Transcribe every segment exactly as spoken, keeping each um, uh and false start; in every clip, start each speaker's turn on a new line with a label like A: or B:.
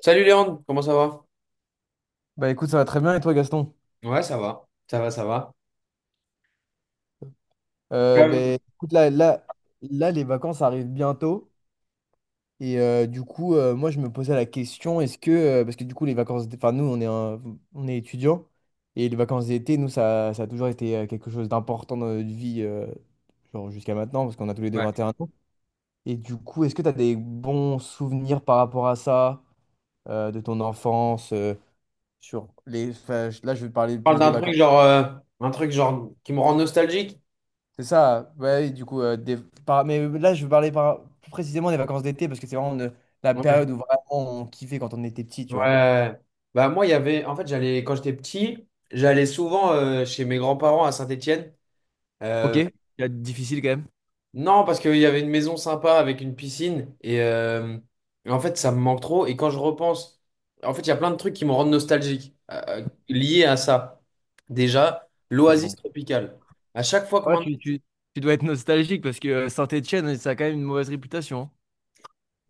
A: Salut Léandre, comment ça va?
B: Bah écoute, ça va très bien et toi Gaston?
A: Ouais, ça va. Ça va, ça va.
B: Euh, ben, écoute, là, là, là, les vacances arrivent bientôt. Et euh, du coup, euh, moi, je me posais la question, est-ce que, euh, parce que du coup, les vacances, d- enfin, nous, on est, un- on est étudiants, et les vacances d'été, nous, ça, ça a toujours été euh, quelque chose d'important dans notre vie, euh, genre jusqu'à maintenant, parce qu'on a tous les deux
A: Ouais.
B: vingt et
A: Je
B: un ans. Et du coup, est-ce que tu as des bons souvenirs par rapport à ça, euh, de ton enfance, euh, sur les, enfin, je- là, je vais parler
A: parle
B: plus des
A: d'un truc
B: vacances.
A: genre euh, un truc genre qui me rend nostalgique.
B: C'est ça, ouais, du coup, euh, des- par- mais là je veux parler par- plus précisément des vacances d'été parce que c'est vraiment euh, la
A: Ouais.
B: période où vraiment on kiffait quand on était petit, tu vois.
A: Ouais. Bah moi il y avait en fait j'allais quand j'étais petit, j'allais souvent euh, chez mes grands-parents à Saint-Étienne.
B: Ok,
A: Euh,
B: c'est difficile quand même.
A: non parce qu'il y avait une maison sympa avec une piscine et euh, en fait ça me manque trop. Et quand je repense, en fait il y a plein de trucs qui me rendent nostalgique, euh, euh, liés à ça. Déjà, l'Oasis
B: Bon.
A: Tropicale. À chaque fois que
B: Ouais,
A: maintenant.
B: tu, tu... Tu dois être nostalgique parce que euh, Saint-Étienne, ça a quand même une mauvaise réputation, hein.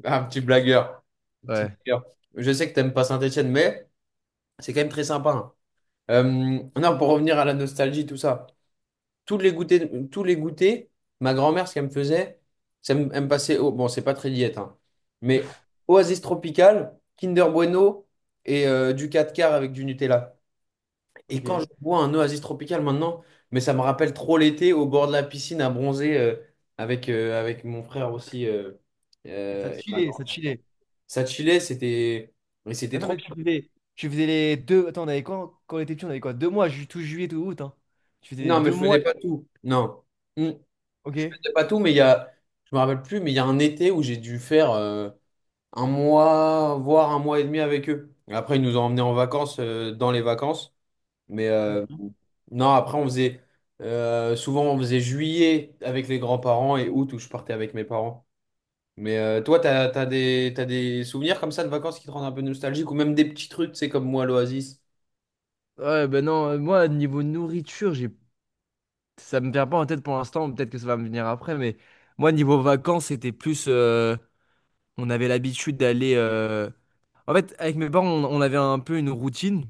A: Ah, un petit blagueur. Un petit
B: Ouais.
A: blagueur. Je sais que t'aimes pas Saint-Étienne, mais c'est quand même très sympa, hein. Euh, non, pour revenir à la nostalgie, tout ça. Tous les goûters, tous les goûters, ma grand-mère, ce qu'elle me faisait, c'est elle me elle me passait au. Bon, c'est pas très diète, hein, mais Oasis Tropical, Kinder Bueno et euh, du quatre quarts avec du Nutella. Et quand je
B: Ok.
A: bois un Oasis Tropical maintenant, mais ça me rappelle trop l'été au bord de la piscine à bronzer, euh, avec, euh, avec mon frère aussi, euh,
B: Ça
A: euh,
B: te
A: et ma
B: filait, ça te
A: grand-mère.
B: filait.
A: Ça chillait, c'était. Mais
B: Mais
A: c'était
B: attends,
A: trop
B: mais
A: bien.
B: tu faisais, tu faisais les deux. Attends, on avait quoi quand on était petit? On avait quoi? Deux mois, ju- tout juillet, tout août. Hein. Tu faisais les
A: Non, mais
B: deux
A: je
B: mois.
A: faisais pas tout. Non. Hmm.
B: Ok.
A: Je faisais pas tout, mais il y a je me rappelle plus, mais il y a un été où j'ai dû faire euh, un mois, voire un mois et demi avec eux. Après, ils nous ont emmenés en vacances, euh, dans les vacances. Mais euh,
B: Ok.
A: non, après on faisait, euh, souvent on faisait juillet avec les grands-parents et août où je partais avec mes parents. Mais euh, toi, t'as, t'as des, t'as des souvenirs comme ça de vacances qui te rendent un peu nostalgique, ou même des petits trucs, tu sais, comme moi, l'Oasis.
B: Ouais, ben non, euh, moi, niveau nourriture, j'ai Ça me vient pas en tête pour l'instant, peut-être que ça va me venir après, mais moi, niveau vacances, c'était plus, euh, on avait l'habitude d'aller, euh, en fait, avec mes parents, on, on avait un peu une routine.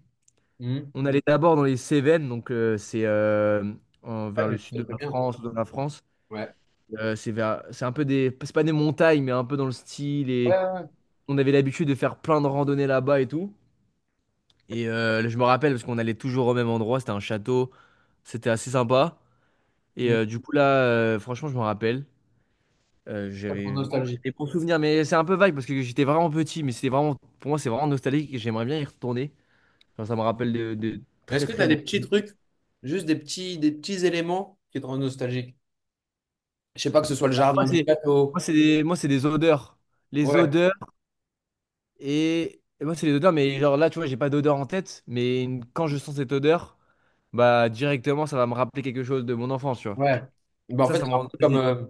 A: Hmm.
B: On allait d'abord dans les Cévennes, donc euh, c'est euh, en-
A: Ah,
B: vers
A: mais
B: le
A: c'est
B: sud de
A: très
B: la
A: bien.
B: France, dans la France.
A: Ouais.
B: Euh, c'est vers... c'est un peu des. C'est pas des montagnes, mais un peu dans le style.
A: Ouais,
B: Et
A: ouais, ouais.
B: on avait l'habitude de faire plein de randonnées là-bas et tout. Et euh, je me rappelle, parce qu'on allait toujours au même endroit, c'était un château, c'était assez sympa. Et
A: Mm.
B: euh, du coup, là, euh, franchement, je me rappelle. Euh,
A: Ça te rend
B: j'avais vraiment j'ai
A: nostalgique.
B: des bons souvenirs, mais c'est un peu vague parce que j'étais vraiment petit, mais c'était vraiment, pour moi, c'est vraiment nostalgique et j'aimerais bien y retourner. Genre, ça me rappelle de, de
A: Est-ce
B: très
A: que tu
B: très
A: as des
B: bons.
A: petits trucs, juste des petits, des petits éléments qui te rendent nostalgique? Je sais pas, que ce soit le
B: Moi,
A: jardin du
B: c'est moi,
A: château.
B: c'est des, moi, c'est des odeurs. Les
A: Ouais,
B: odeurs et, et moi, c'est les odeurs, mais genre là, tu vois, j'ai pas d'odeur en tête, mais une- quand je sens cette odeur, bah directement, ça va me rappeler quelque chose de mon enfance, tu vois.
A: ouais. Ben, en
B: Ça,
A: fait,
B: ça me
A: c'est
B: rend
A: un peu comme,
B: nostalgique.
A: euh,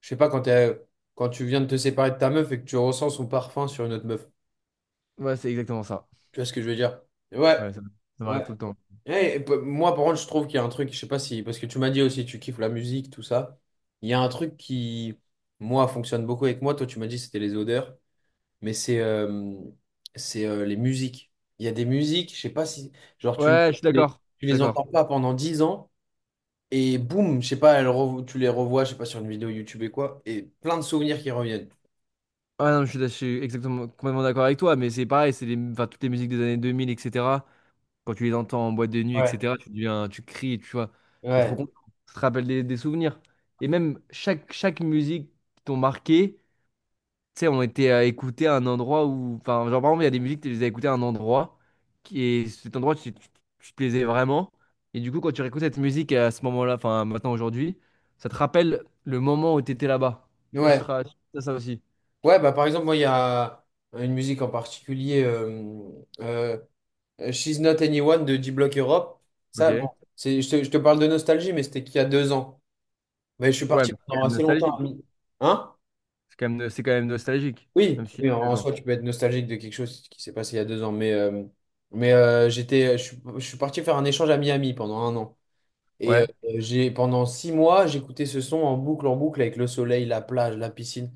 A: je sais pas, quand t'es- quand tu viens de te séparer de ta meuf et que tu ressens son parfum sur une autre meuf.
B: Ouais, c'est exactement ça.
A: Tu vois ce que je veux dire? Ouais,
B: Ouais, ça, ça m'arrive
A: ouais.
B: tout le temps.
A: Eh, et pe- moi, par contre, je trouve qu'il y a un truc, je sais pas si, parce que tu m'as dit aussi, tu kiffes la musique, tout ça. Il y a un truc qui, moi, fonctionne beaucoup avec moi. Toi, tu m'as dit, c'était les odeurs. Mais c'est euh, c'est euh, les musiques. Il y a des musiques, je sais pas si, genre tu
B: Ouais, je suis
A: les,
B: d'accord.
A: tu
B: Je suis
A: les
B: d'accord.
A: entends pas pendant dix ans et boum, je sais pas, elles revo- tu les revois, je sais pas, sur une vidéo YouTube et quoi, et plein de souvenirs qui reviennent.
B: Ah non, je suis, je suis exactement complètement d'accord avec toi, mais c'est pareil, c'est les, enfin, toutes les musiques des années deux mille, et cetera. Quand tu les entends en boîte de nuit,
A: Ouais,
B: et cetera, tu deviens, tu cries, tu vois, t'es trop
A: ouais,
B: content. Ça te rappelle des, des souvenirs. Et même chaque, chaque musique qui t'ont marqué, tu sais, ont été à écouter à un endroit où, enfin, genre par exemple, il y a des musiques, tu les as écoutées à un endroit, qui, et cet endroit, tu, tu, tu te plaisais vraiment. Et du coup, quand tu réécoutes cette musique à ce moment-là, enfin, maintenant, aujourd'hui, ça te rappelle le moment où tu étais là-bas. Je sais pas si
A: ouais.
B: tu te ra- si t'as ça aussi.
A: Ouais, bah par exemple, moi, il y a une musique en particulier, euh, euh, She's Not Anyone de D-Block Europe.
B: Ok.
A: Ça, bon, c'est, je te, je te parle de nostalgie, mais c'était qu'il y a deux ans. Mais je suis
B: Ouais,
A: parti
B: mais c'est
A: pendant
B: quand même
A: assez longtemps. à
B: nostalgique.
A: Mi- Hein?
B: C'est quand même, no- c'est quand même nostalgique, même
A: Oui,
B: si
A: oui, en en
B: dedans.
A: soi, tu peux être nostalgique de quelque chose qui s'est passé il y a deux ans, mais, euh, mais euh, j'étais, je, suis je suis parti faire un échange à Miami pendant un an. Et euh,
B: Ouais.
A: j'ai, pendant six mois, j'écoutais ce son en boucle, en boucle, avec le soleil, la plage, la piscine.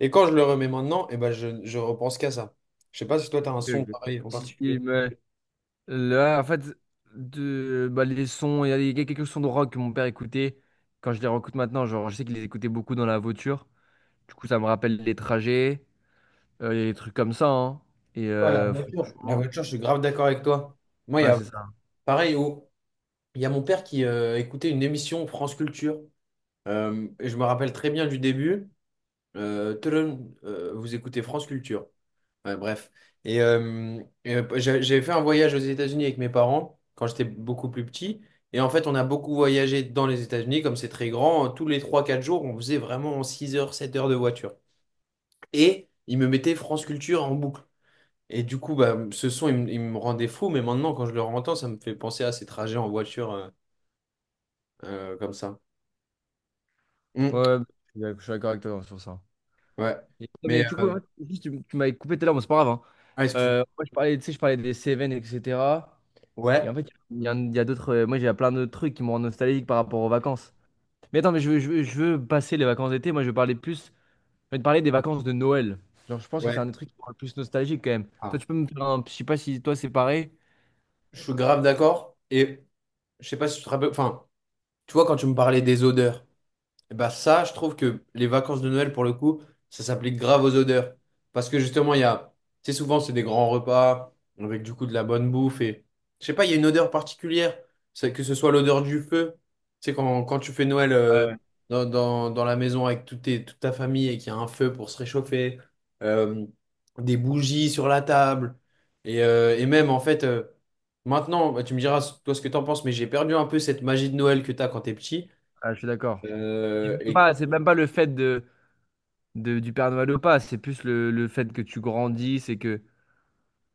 A: Et quand je le remets maintenant, eh ben, je, je repense qu'à ça. Je sais pas si toi, tu as un
B: Ok,
A: son
B: ok.
A: pareil en
B: Si- si,
A: particulier.
B: mais là, en fait, de, bah, les sons, il y a des- il y a quelques sons de rock que mon père écoutait. Quand je les réécoute maintenant, genre, je sais qu'il les écoutait beaucoup dans la voiture. Du coup, ça me rappelle les trajets, euh, il y a des trucs comme ça, hein. Et
A: Ouais, la
B: euh,
A: voiture. La
B: franchement,
A: voiture, je suis grave d'accord avec toi. Moi, il y
B: ouais,
A: a
B: c'est ça.
A: pareil, au- il y a mon père qui euh, écoutait une émission France Culture. Euh, et je me rappelle très bien du début. Euh, tudum, euh, vous écoutez France Culture. Ouais, bref. Et, euh, et, euh, j'a- j'avais fait un voyage aux États-Unis avec mes parents quand j'étais beaucoup plus petit. Et en fait, on a beaucoup voyagé dans les États-Unis, comme c'est très grand. euh, Tous les trois, quatre jours, on faisait vraiment six heures, sept heures de voiture. Et ils me mettaient France Culture en boucle. Et du coup, bah, ce son, il, me il me rendait fou. Mais maintenant, quand je le entends, ça me fait penser à ces trajets en voiture, euh, euh, comme ça.
B: Ouais,
A: Mm,
B: ouais, je suis d'ac- je suis d'accord avec toi sur ça.
A: ouais.
B: Et- non, mais
A: Mais.
B: du coup,
A: euh,
B: en fait, juste, tu, tu m'avais coupé tout à l'heure, bon, c'est pas grave, hein.
A: Ah, excuse-moi.
B: Euh, moi, je parlais, tu sais, je parlais des Seven, et cetera. Et en
A: Ouais.
B: fait, il y a, il y a d'autres. euh, Moi, j'ai plein de trucs qui me rendent nostalgique par rapport aux vacances. Mais attends, mais je veux, je veux, je veux passer les vacances d'été. Moi, je veux parler plus. Je vais te parler des vacances de Noël. Genre, je pense que c'est un
A: Ouais.
B: des trucs qui me rend le plus nostalgique quand même. Toi,
A: Ah.
B: tu peux me faire un. Je sais pas si toi, c'est pareil.
A: Je suis grave d'accord. Et je sais pas si tu te rappelles. Enfin, tu vois, quand tu me parlais des odeurs, et bah ça, je trouve que les vacances de Noël, pour le coup, ça s'applique grave aux odeurs. Parce que justement, il y a, tu sais, souvent, c'est des grands repas, avec du coup de la bonne bouffe. Et je sais pas, il y a une odeur particulière. C'est que ce soit l'odeur du feu. Tu sais, quand, quand tu fais Noël, euh,
B: Ouais.
A: dans, dans, dans la maison avec tout tes, toute ta famille et qu'il y a un feu pour se réchauffer, euh, des bougies sur la table. Et, euh, et même, en fait, euh, maintenant, bah, tu me diras toi ce que t'en penses, mais j'ai perdu un peu cette magie de Noël que t'as quand t'es petit.
B: Ah, je suis d'accord.
A: Euh,
B: C'est
A: et
B: pas- c'est même pas le fait de, de- du Père Noël ou pas. C'est plus le, le fait que tu grandis. C'est que.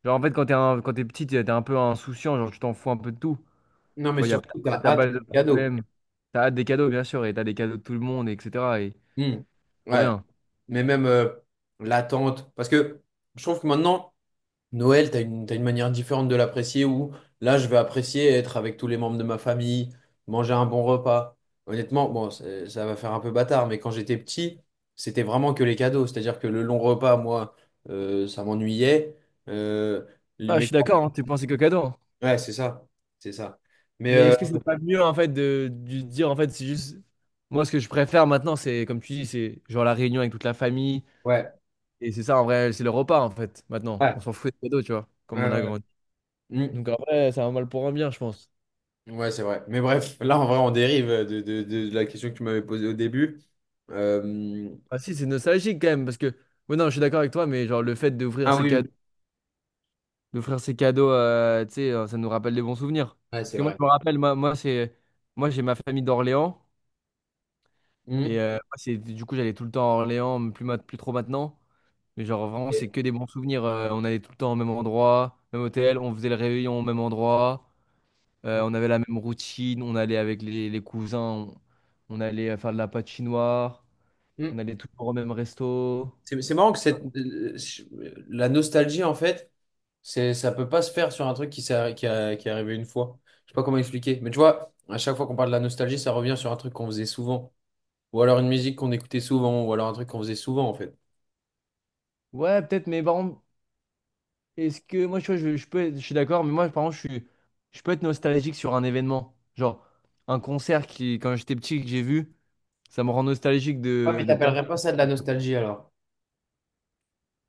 B: Genre, en fait, quand t'es un, quand t'es petit, t'es t'es un peu insouciant. Genre, tu t'en fous un peu de tout.
A: Non,
B: Tu
A: mais
B: vois, il y a
A: surtout, t'as
B: t'as
A: hâte
B: pas
A: du
B: de
A: cadeau.
B: problème. T'as hâte des cadeaux, bien sûr. Et t'as des cadeaux de tout le monde, et cetera. Et
A: Hmm.
B: trop
A: Ouais.
B: bien.
A: Mais même, euh, l'attente. Parce que je trouve que maintenant, Noël, t'as une, t'as une manière différente de l'apprécier, où là, je vais apprécier être avec tous les membres de ma famille, manger un bon repas. Honnêtement, bon, c'est- ça va faire un peu bâtard, mais quand j'étais petit, c'était vraiment que les cadeaux. C'est-à-dire que le long repas, moi, euh, ça m'ennuyait. Euh, les-
B: Ah, je
A: Mes.
B: suis d'accord, hein, tu pensais qu'au cadeau, hein.
A: Ouais, c'est ça. C'est ça. Mais
B: Mais
A: euh,
B: est-ce que c'est pas mieux en fait de, de dire, en fait c'est juste moi. Ce que je préfère maintenant, c'est comme tu dis, c'est genre la réunion avec toute la famille,
A: ouais.
B: et c'est ça, en vrai c'est le repas. En fait, maintenant on
A: Ouais.
B: s'en fout des cadeaux, tu vois,
A: Ouais,
B: comme on a
A: ouais.
B: grandi.
A: Ouais. Hmm.
B: Donc en vrai c'est un mal pour un bien, je pense.
A: Ouais, c'est vrai. Mais bref, là, en vrai, on dérive de, de- de la question que tu m'avais posée au début. Euh,
B: Ah si, c'est nostalgique quand même, parce que ouais non, je suis d'accord avec toi, mais genre le fait d'ouvrir
A: Ah
B: ces cadeaux,
A: oui.
B: d'offrir ces cadeaux euh, tu sais euh, ça nous rappelle des bons souvenirs,
A: Ouais,
B: parce
A: c'est
B: que moi
A: vrai.
B: je me rappelle moi, moi c'est moi j'ai ma famille d'Orléans
A: Mhm.
B: et euh, moi, c'est du coup j'allais tout le temps à Orléans, plus ma- plus trop maintenant. Mais genre, vraiment, c'est
A: Et-
B: que des bons souvenirs. Euh, on allait tout le temps au même endroit, même hôtel, on faisait le réveillon au même endroit, euh, on avait la même routine, on allait avec les, les cousins, on, on allait euh, faire de la patinoire,
A: Mhm.
B: on allait toujours au même resto.
A: C'est c'est marrant que cette, euh, je- la nostalgie, en fait, c'est, ça peut pas se faire sur un truc qui, s'est- qui, a- qui est arrivé une fois. Je sais pas comment expliquer. Mais tu vois, à chaque fois qu'on parle de la nostalgie, ça revient sur un truc qu'on faisait souvent. Ou alors une musique qu'on écoutait souvent, ou alors un truc qu'on faisait souvent, en fait.
B: Ouais, peut-être, mais par contre, est-ce que moi, tu vois, je, je peux être- je suis d'accord, mais moi, par contre, je suis, je peux être nostalgique sur un événement. Genre, un concert qui, quand j'étais petit, que j'ai vu, ça me rend nostalgique
A: Ouais,
B: de,
A: mais
B: de penser.
A: t'appellerais pas ça de la nostalgie alors?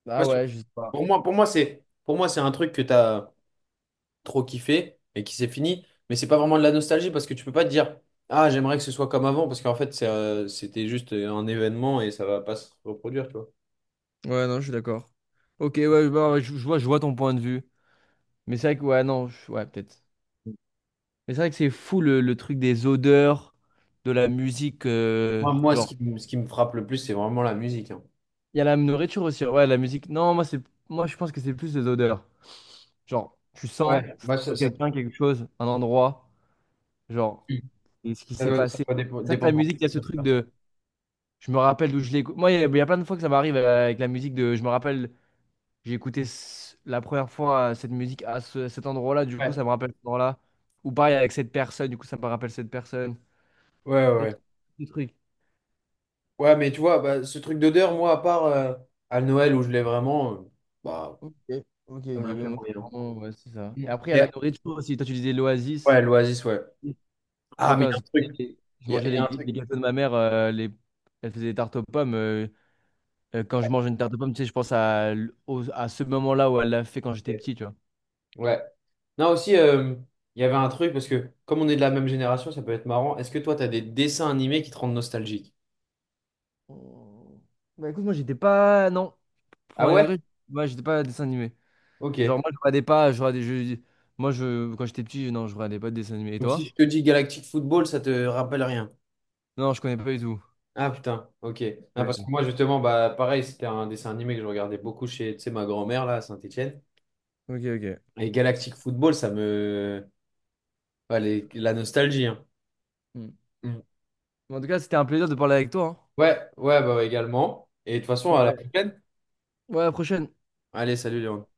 B: Ah
A: Parce que
B: ouais, je sais pas.
A: pour moi, pour moi, c'est, pour moi, c'est un truc que t'as trop kiffé et qui s'est fini. Mais c'est pas vraiment de la nostalgie parce que tu peux pas te dire, ah, j'aimerais que ce soit comme avant parce qu'en fait, c'est, euh, c'était juste un événement et ça va pas se reproduire, tu vois.
B: Ouais, non, je suis d'accord. Ok, ouais, bah, je, je vois, je vois ton point de vue. Mais c'est vrai que, ouais, non, je- ouais, peut-être. Mais c'est vrai que c'est fou le, le truc des odeurs, de la musique, euh,
A: Moi, moi, ce
B: genre,
A: qui, me- ce qui me frappe le plus, c'est vraiment la musique, hein.
B: il y a la nourriture aussi. Ouais, la musique. Non, moi, c'est, moi, je pense que c'est plus les odeurs. Genre, tu
A: Ouais,
B: sens
A: moi, ça, ça,
B: quelqu'un, quelque chose, un endroit. Genre, et ce qui
A: ça
B: s'est
A: doit, ça
B: passé.
A: doit
B: C'est
A: dépo-
B: vrai que la
A: dépendre.
B: musique, il y a ce truc de. Je me rappelle d'où je l'ai écouté. Moi, il y, a il y a plein de fois que ça m'arrive euh, avec la musique de. Je me rappelle, j'ai écouté ce- la première fois euh, cette musique à ce- cet endroit-là. Du
A: Ouais,
B: coup, ça me rappelle cet endroit-là. Ou pareil avec cette personne. Du coup, ça me rappelle cette personne.
A: ouais, ouais.
B: Tac, le truc.
A: Ouais, mais tu vois, bah, ce truc d'odeur, moi, à part euh, à Noël où je l'ai vraiment, euh, bah,
B: Ok, ok, ok.
A: ça me
B: Ouais,
A: l'a fait
B: moi, c'est
A: moyen.
B: vraiment- ouais, c'est ça.
A: Mm.
B: Et après, il y a la
A: Yeah.
B: nourriture aussi. Toi, tu disais l'oasis.
A: Ouais, l'Oasis, ouais. Ah,
B: Moi,
A: mais il y
B: quand
A: a un truc.
B: c'était- je
A: Il y a,
B: mangeais
A: il y a
B: les,
A: un
B: les
A: truc.
B: gâteaux de ma mère, euh, les... Elle faisait des tartes aux pommes. Euh, euh, quand je mange une tarte aux pommes, tu sais, je pense à, l- au- à ce moment-là où elle l'a fait quand j'étais petit, tu vois.
A: Ouais. Non, aussi, euh, il y avait un truc, parce que comme on est de la même génération, ça peut être marrant. Est-ce que toi, t'as des dessins animés qui te rendent nostalgique?
B: Oh. Bah écoute, moi, j'étais pas. Non,
A: Ah
B: pour un
A: ouais?
B: degré, moi, j'étais pas dessin animé.
A: Ok.
B: Genre, moi, je regardais pas. Je regardais, je... Moi, je... quand j'étais petit, non, je regardais pas de dessin animé. Et
A: Donc si
B: toi?
A: je te dis Galactic Football, ça te rappelle rien.
B: Non, je connais pas du tout.
A: Ah putain, ok. Ah,
B: Pas du
A: parce
B: tout.
A: que moi, justement, bah, pareil, c'était un dessin animé que je regardais beaucoup chez, tu sais, ma grand-mère, là, à Saint-Étienne.
B: Ok, ok.
A: Et
B: Ça-
A: Galactic Football, ça me... Ouais, les- la nostalgie, hein.
B: hmm.
A: Mm.
B: Mais En tout cas, c'était un plaisir de parler avec toi.
A: Ouais, ouais, bah ouais, également. Et de toute façon,
B: Hein.
A: à la
B: Ouais.
A: prochaine.
B: Ouais, à la prochaine.
A: Allez, salut Léon.